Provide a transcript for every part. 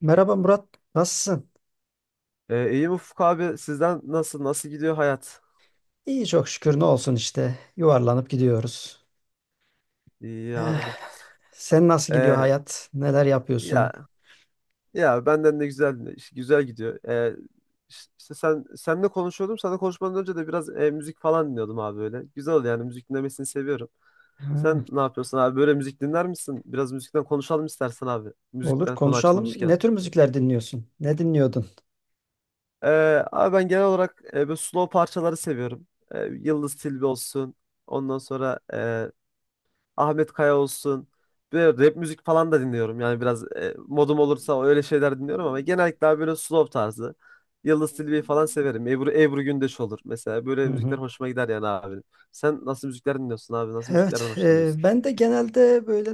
Merhaba Murat, nasılsın? İyiyim Ufuk abi. Sizden nasıl gidiyor hayat? İyi çok şükür ne olsun işte. Yuvarlanıp gidiyoruz. İyi Eh, abi. sen nasıl gidiyor Ee, hayat? Neler yapıyorsun? ya ya benden de güzel güzel gidiyor. İş- işte senle konuşuyordum. Sana konuşmadan önce de biraz müzik falan dinliyordum abi böyle. Güzel oldu yani müzik dinlemesini seviyorum. Ha, Sen ne yapıyorsun abi? Böyle müzik dinler misin? Biraz müzikten konuşalım istersen abi. olur Müzikten konu konuşalım. açılmışken. Ne tür müzikler dinliyorsun? Ne dinliyordun? Abi ben genel olarak böyle slow parçaları seviyorum. Yıldız Tilbe olsun. Ondan sonra Ahmet Kaya olsun. Böyle rap müzik falan da dinliyorum. Yani biraz modum olursa öyle şeyler dinliyorum ama genellikle abi böyle slow tarzı. Yıldız Tilbe'yi falan severim. Ebru Gündeş olur mesela. Hı Böyle müzikler hı. hoşuma gider yani abi. Sen nasıl müzikler dinliyorsun abi? Nasıl müziklerden Evet, hoşlanıyorsun? Ben de genelde böyle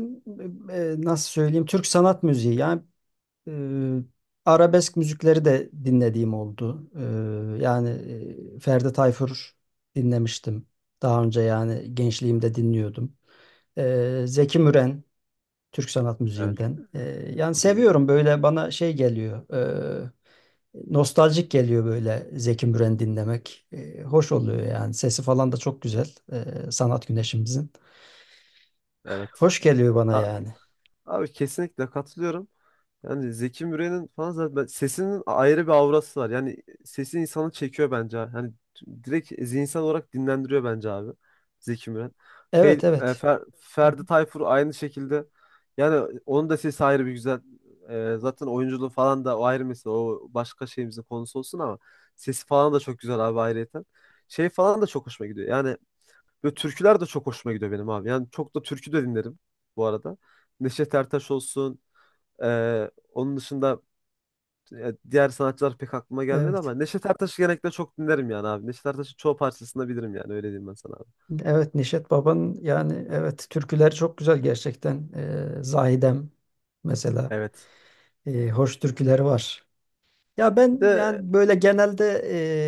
nasıl söyleyeyim Türk sanat müziği. Eee, Arabesk müzikleri de dinlediğim oldu. Ferdi Tayfur dinlemiştim. Daha önce yani gençliğimde dinliyordum. Zeki Müren Türk sanat Evet. müziğinden. Yani Hı hı. seviyorum böyle bana şey geliyor. Nostaljik geliyor böyle Zeki Müren dinlemek. Hoş oluyor yani. Sesi falan da çok güzel. Sanat güneşimizin. Evet. Hoş geliyor bana A- yani. Abi kesinlikle katılıyorum. Yani Zeki Müren'in falan zaten sesinin ayrı bir aurası var. Yani sesi insanı çekiyor bence abi. Yani direkt zihinsel olarak dinlendiriyor bence abi Zeki Müren. Evet evet. Hı hı. Ferdi Tayfur aynı şekilde. Yani onun da sesi ayrı bir güzel. Zaten oyunculuğu falan da o ayrı mesele. O başka şeyimizin konusu olsun ama sesi falan da çok güzel abi ayrıyeten. Şey falan da çok hoşuma gidiyor. Yani böyle türküler de çok hoşuma gidiyor benim abi. Yani çok da türkü de dinlerim bu arada. Neşet Ertaş olsun. Onun dışında diğer sanatçılar pek aklıma gelmedi ama Evet. Neşet Ertaş'ı genellikle çok dinlerim yani abi. Neşet Ertaş'ın çoğu parçasını da bilirim yani öyle diyeyim ben sana abi. Evet, Neşet Baba'nın yani evet türküleri çok güzel gerçekten. Zahidem mesela. Evet. Hoş türküleri var. Ya Bir ben de. yani böyle genelde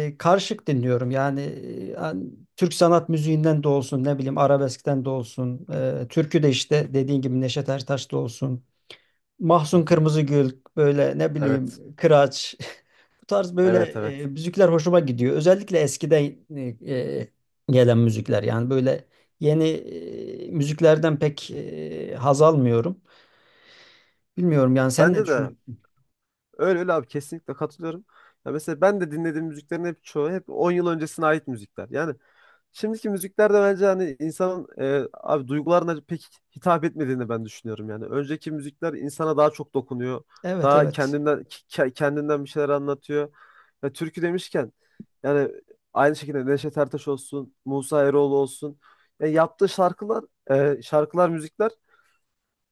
karışık dinliyorum. Yani Türk sanat müziğinden de olsun, ne bileyim arabeskten de olsun, türkü de işte dediğin gibi Neşet Ertaş'ta olsun, Hı Mahsun hı. Kırmızıgül böyle ne Evet. bileyim Kıraç bu tarz böyle Evet, evet. müzikler hoşuma gidiyor. Özellikle eskiden e, e, gelen müzikler yani böyle yeni müziklerden pek haz almıyorum. Bilmiyorum yani sen ne Bende de düşünüyorsun? öyle öyle abi kesinlikle katılıyorum. Ya mesela ben de dinlediğim müziklerin hep çoğu hep 10 yıl öncesine ait müzikler. Yani şimdiki müzikler de bence hani insanın abi duygularına pek hitap etmediğini ben düşünüyorum yani. Önceki müzikler insana daha çok dokunuyor. Evet Daha evet. kendinden kendinden bir şeyler anlatıyor. Ya türkü demişken yani aynı şekilde Neşet Ertaş olsun, Musa Eroğlu olsun. Yani yaptığı şarkılar, müzikler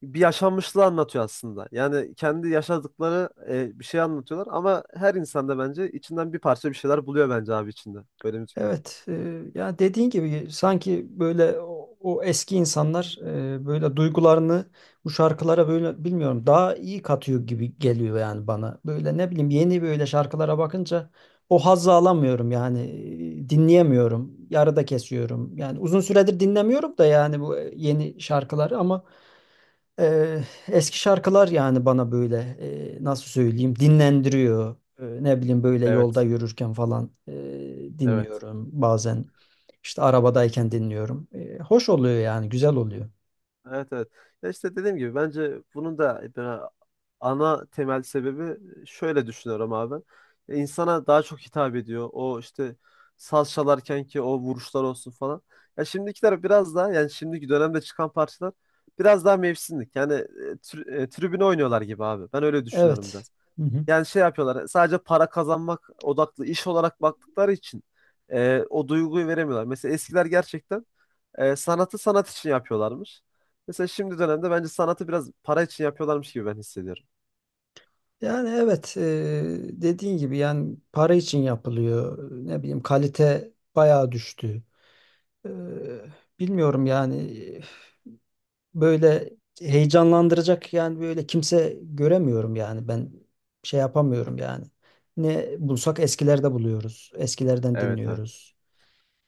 bir yaşanmışlığı anlatıyor aslında. Yani kendi yaşadıkları bir şey anlatıyorlar ama her insan da bence içinden bir parça bir şeyler buluyor bence abi içinde böyle müziklerin. Evet, ya dediğin gibi sanki böyle o eski insanlar böyle duygularını bu şarkılara böyle bilmiyorum daha iyi katıyor gibi geliyor yani bana. Böyle ne bileyim yeni böyle şarkılara bakınca o hazzı alamıyorum yani dinleyemiyorum, yarıda kesiyorum. Yani uzun süredir dinlemiyorum da yani bu yeni şarkıları ama eski şarkılar yani bana böyle nasıl söyleyeyim dinlendiriyor. Ne bileyim böyle yolda Evet, yürürken falan evet. dinliyorum. Bazen işte arabadayken dinliyorum. Hoş oluyor yani güzel oluyor. Evet, evet. Ya işte dediğim gibi bence bunun da böyle ana temel sebebi şöyle düşünüyorum abi. İnsana daha çok hitap ediyor. O işte saz çalarken ki o vuruşlar olsun falan. Ya şimdikiler biraz daha yani şimdiki dönemde çıkan parçalar biraz daha mevsimlik. Yani tribüne oynuyorlar gibi abi. Ben öyle düşünüyorum Evet. biraz. Hı hı. Yani şey yapıyorlar. Sadece para kazanmak odaklı iş olarak baktıkları için o duyguyu veremiyorlar. Mesela eskiler gerçekten sanatı sanat için yapıyorlarmış. Mesela şimdi dönemde bence sanatı biraz para için yapıyorlarmış gibi ben hissediyorum. Yani evet dediğin gibi yani para için yapılıyor. Ne bileyim kalite bayağı düştü. Eee, Bilmiyorum yani böyle heyecanlandıracak yani böyle kimse göremiyorum yani ben şey yapamıyorum yani. Ne bulsak eskilerde buluyoruz. Eskilerden Evet, evet. dinliyoruz.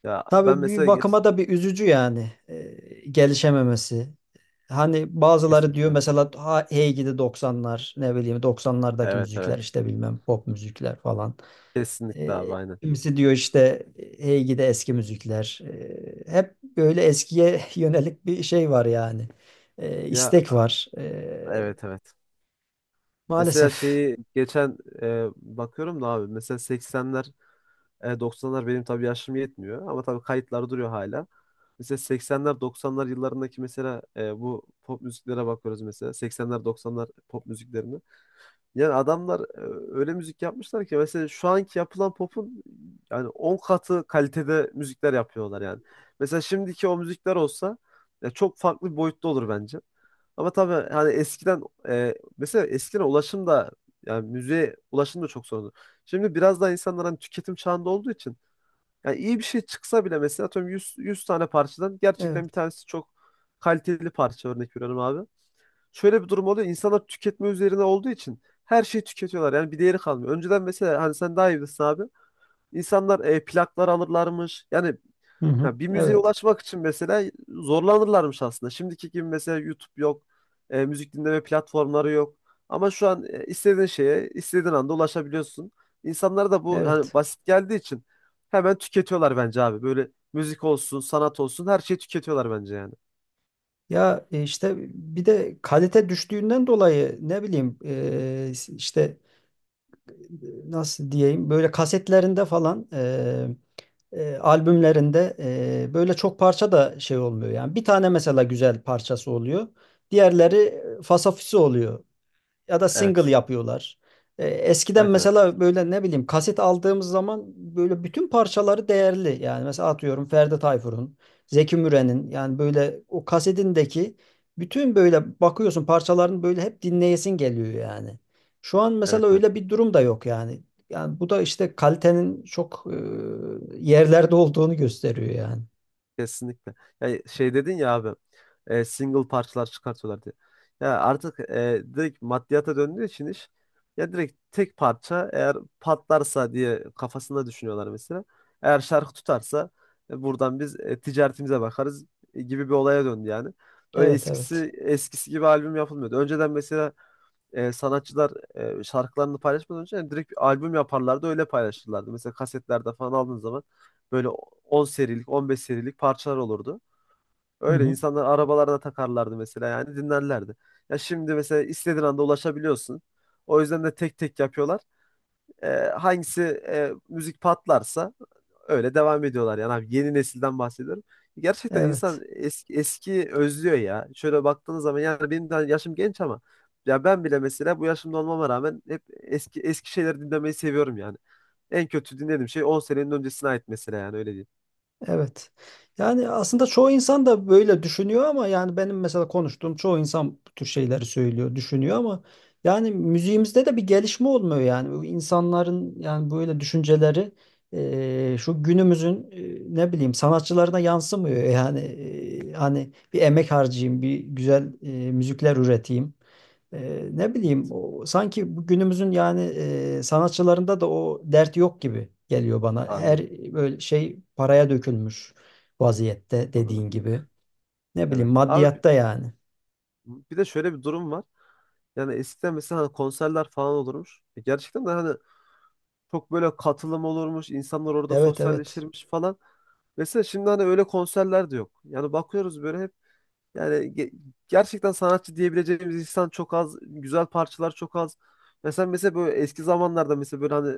Ya ben Tabii bir mesela geç, bakıma da bir üzücü yani gelişememesi. Hani bazıları diyor kesinlikle. mesela ha, hey gidi 90'lar ne bileyim 90'lardaki Evet, müzikler evet. işte bilmem pop müzikler falan. Kesinlikle abi aynen. Kimisi diyor işte hey gidi eski müzikler. Hep böyle eskiye yönelik bir şey var yani. Ya, İstek var. Evet, evet. Mesela Maalesef. şeyi geçen bakıyorum da abi mesela 80'ler 90'lar benim tabii yaşım yetmiyor ama tabii kayıtlar duruyor hala. Mesela 80'ler 90'lar yıllarındaki mesela bu pop müziklere bakıyoruz mesela 80'ler 90'lar pop müziklerine. Yani adamlar öyle müzik yapmışlar ki mesela şu anki yapılan pop'un yani 10 katı kalitede müzikler yapıyorlar yani. Mesela şimdiki o müzikler olsa ya çok farklı bir boyutta olur bence. Ama tabii hani eskiden mesela eskiden ulaşım da yani müziğe ulaşım da çok sorunlu. Şimdi biraz daha insanlar hani tüketim çağında olduğu için yani iyi bir şey çıksa bile mesela atıyorum 100, 100 tane parçadan gerçekten bir Evet. tanesi çok kaliteli parça örnek veriyorum abi şöyle bir durum oluyor. İnsanlar tüketme üzerine olduğu için her şeyi tüketiyorlar. Yani bir değeri kalmıyor. Önceden mesela hani sen daha iyi bilirsin abi. İnsanlar plaklar alırlarmış. Yani Hı hı. ya bir müziğe Evet. ulaşmak için mesela zorlanırlarmış aslında. Şimdiki gibi mesela YouTube yok. Müzik dinleme platformları yok. Ama şu an istediğin şeye istediğin anda ulaşabiliyorsun. İnsanlara da bu hani Evet. basit geldiği için hemen tüketiyorlar bence abi. Böyle müzik olsun, sanat olsun her şeyi tüketiyorlar bence yani. Ya işte bir de kalite düştüğünden dolayı ne bileyim işte nasıl diyeyim böyle kasetlerinde falan albümlerinde böyle çok parça da şey olmuyor yani. Bir tane mesela güzel parçası oluyor. Diğerleri fasafisi oluyor ya da single Evet. yapıyorlar. Eskiden Evet, evet. mesela böyle ne bileyim kaset aldığımız zaman böyle bütün parçaları değerli. Yani mesela atıyorum Ferdi Tayfur'un, Zeki Müren'in yani böyle o kasetindeki bütün böyle bakıyorsun parçaların böyle hep dinleyesin geliyor yani. Şu an mesela Evet, evet. öyle bir durum da yok yani. Yani bu da işte kalitenin çok yerlerde olduğunu gösteriyor yani. Kesinlikle. Yani şey dedin ya abi single parçalar çıkartıyorlar diye. Ya artık direkt maddiyata döndüğü için iş ya direkt tek parça eğer patlarsa diye kafasında düşünüyorlar mesela. Eğer şarkı tutarsa buradan biz ticaretimize bakarız gibi bir olaya döndü yani. Öyle Evet eskisi evet. eskisi gibi albüm yapılmıyordu. Önceden mesela sanatçılar şarkılarını paylaşmadan önce yani direkt bir albüm yaparlardı öyle paylaşırlardı. Mesela kasetlerde falan aldığın zaman böyle 10 serilik 15 serilik parçalar olurdu. Hı Öyle hı. insanlar arabalarına takarlardı mesela yani dinlerlerdi. Ya şimdi mesela istediğin anda ulaşabiliyorsun. O yüzden de tek tek yapıyorlar. E, hangisi müzik patlarsa öyle devam ediyorlar yani abi yeni nesilden bahsediyorum. Gerçekten insan Evet. eski, eski özlüyor ya. Şöyle baktığınız zaman yani benim de yaşım genç ama ya ben bile mesela bu yaşımda olmama rağmen hep eski eski şeyleri dinlemeyi seviyorum yani. En kötü dinlediğim şey 10 senenin öncesine ait mesela yani öyle değil. Evet. Yani aslında çoğu insan da böyle düşünüyor ama yani benim mesela konuştuğum çoğu insan bu tür şeyleri söylüyor, düşünüyor ama yani müziğimizde de bir gelişme olmuyor yani. Bu insanların yani böyle düşünceleri şu günümüzün ne bileyim sanatçılarına yansımıyor. Yani hani bir emek harcayayım, bir güzel müzikler üreteyim. Ne bileyim Evet. Sanki bu günümüzün yani sanatçılarında da o dert yok gibi geliyor bana. Her Anladım. böyle şey paraya dökülmüş vaziyette Doğru. dediğin gibi. Ne bileyim Evet. Abi maddiyatta yani. bir de şöyle bir durum var. Yani eskiden mesela hani konserler falan olurmuş. Gerçekten de hani çok böyle katılım olurmuş, insanlar orada Evet evet. sosyalleşirmiş falan. Mesela şimdi hani öyle konserler de yok. Yani bakıyoruz böyle hep yani gerçekten sanatçı diyebileceğimiz insan çok az, güzel parçalar çok az. Mesela böyle eski zamanlarda mesela böyle hani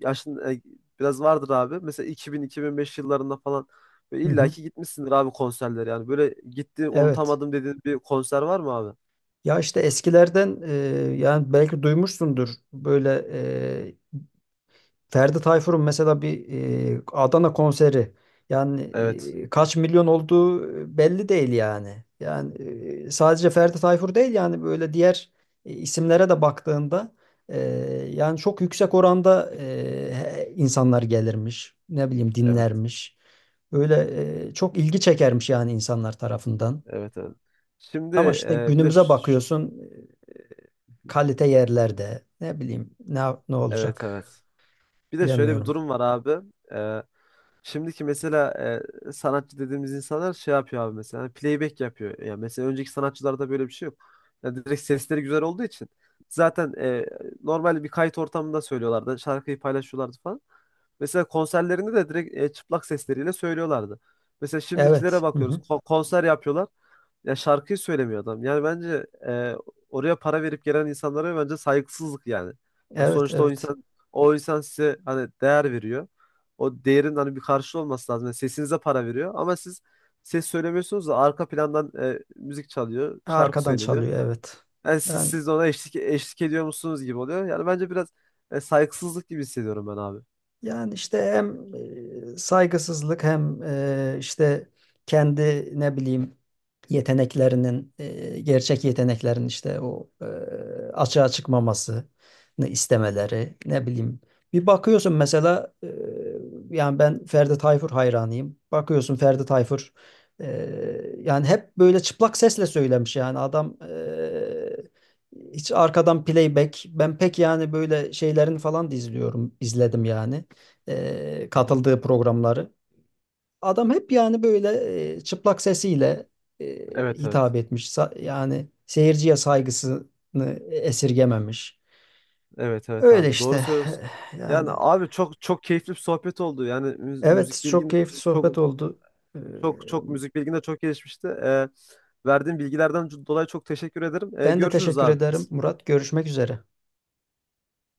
yaşın biraz vardır abi. Mesela iki bin beş yıllarında falan böyle Hı hı. illaki gitmişsindir abi konserlere yani. Böyle gitti Evet. unutamadım dediğin bir konser var mı abi? Ya işte eskilerden yani belki duymuşsundur böyle Ferdi Tayfur'un mesela bir Adana konseri yani Evet, kaç milyon olduğu belli değil yani. Yani sadece Ferdi Tayfur değil yani böyle diğer isimlere de baktığında e, yani çok yüksek oranda insanlar gelirmiş. Ne bileyim evet, dinlermiş. Öyle çok ilgi çekermiş yani insanlar tarafından. evet, evet. Şimdi Ama işte bir de günümüze bakıyorsun e, kalite yerlerde ne bileyim ne evet, olacak evet. Bir de şöyle bir bilemiyorum. durum var abi. Ee, şimdiki mesela sanatçı dediğimiz insanlar şey yapıyor abi mesela hani playback yapıyor. Yani mesela önceki sanatçılarda böyle bir şey yok. Yani direkt sesleri güzel olduğu için zaten normal bir kayıt ortamında söylüyorlardı. Şarkıyı paylaşıyorlardı falan. Mesela konserlerinde de direkt çıplak sesleriyle söylüyorlardı. Mesela şimdikilere Evet. Hı bakıyoruz. hı. Konser yapıyorlar. Ya şarkıyı söylemiyor adam. Yani bence oraya para verip gelen insanlara bence saygısızlık yani. Ya Evet, sonuçta o evet. insan o insan size hani değer veriyor. O değerin hani bir karşılığı olması lazım. Yani sesinize para veriyor ama siz ses söylemiyorsunuz da arka plandan müzik çalıyor, şarkı Arkadan söyleniyor. çalıyor, evet. Yani siz Yani siz de ona eşlik ediyor musunuz gibi oluyor. Yani bence biraz saygısızlık gibi hissediyorum ben abi. Yani işte hem saygısızlık hem işte kendi ne bileyim yeteneklerinin gerçek yeteneklerin işte açığa çıkmamasını istemeleri ne bileyim. Bir bakıyorsun mesela yani ben Ferdi Tayfur hayranıyım. Bakıyorsun Ferdi Tayfur e, yani hep böyle çıplak sesle söylemiş yani adam hiç arkadan playback ben pek yani böyle şeylerini falan da izledim yani Hı hı. katıldığı programları. Adam hep yani böyle çıplak sesiyle e, Evet, evet. hitap etmiş. Sa- yani seyirciye saygısını esirgememiş. Evet, evet Öyle abi doğru işte. söylüyorsun. Yani Yani abi çok çok keyifli bir sohbet oldu. Yani evet çok keyifli sohbet çok oldu. E, müzik bilgin de çok gelişmişti. Verdiğin bilgilerden dolayı çok teşekkür ederim. Ee, Ben de görüşürüz teşekkür abi. ederim Murat. Görüşmek üzere.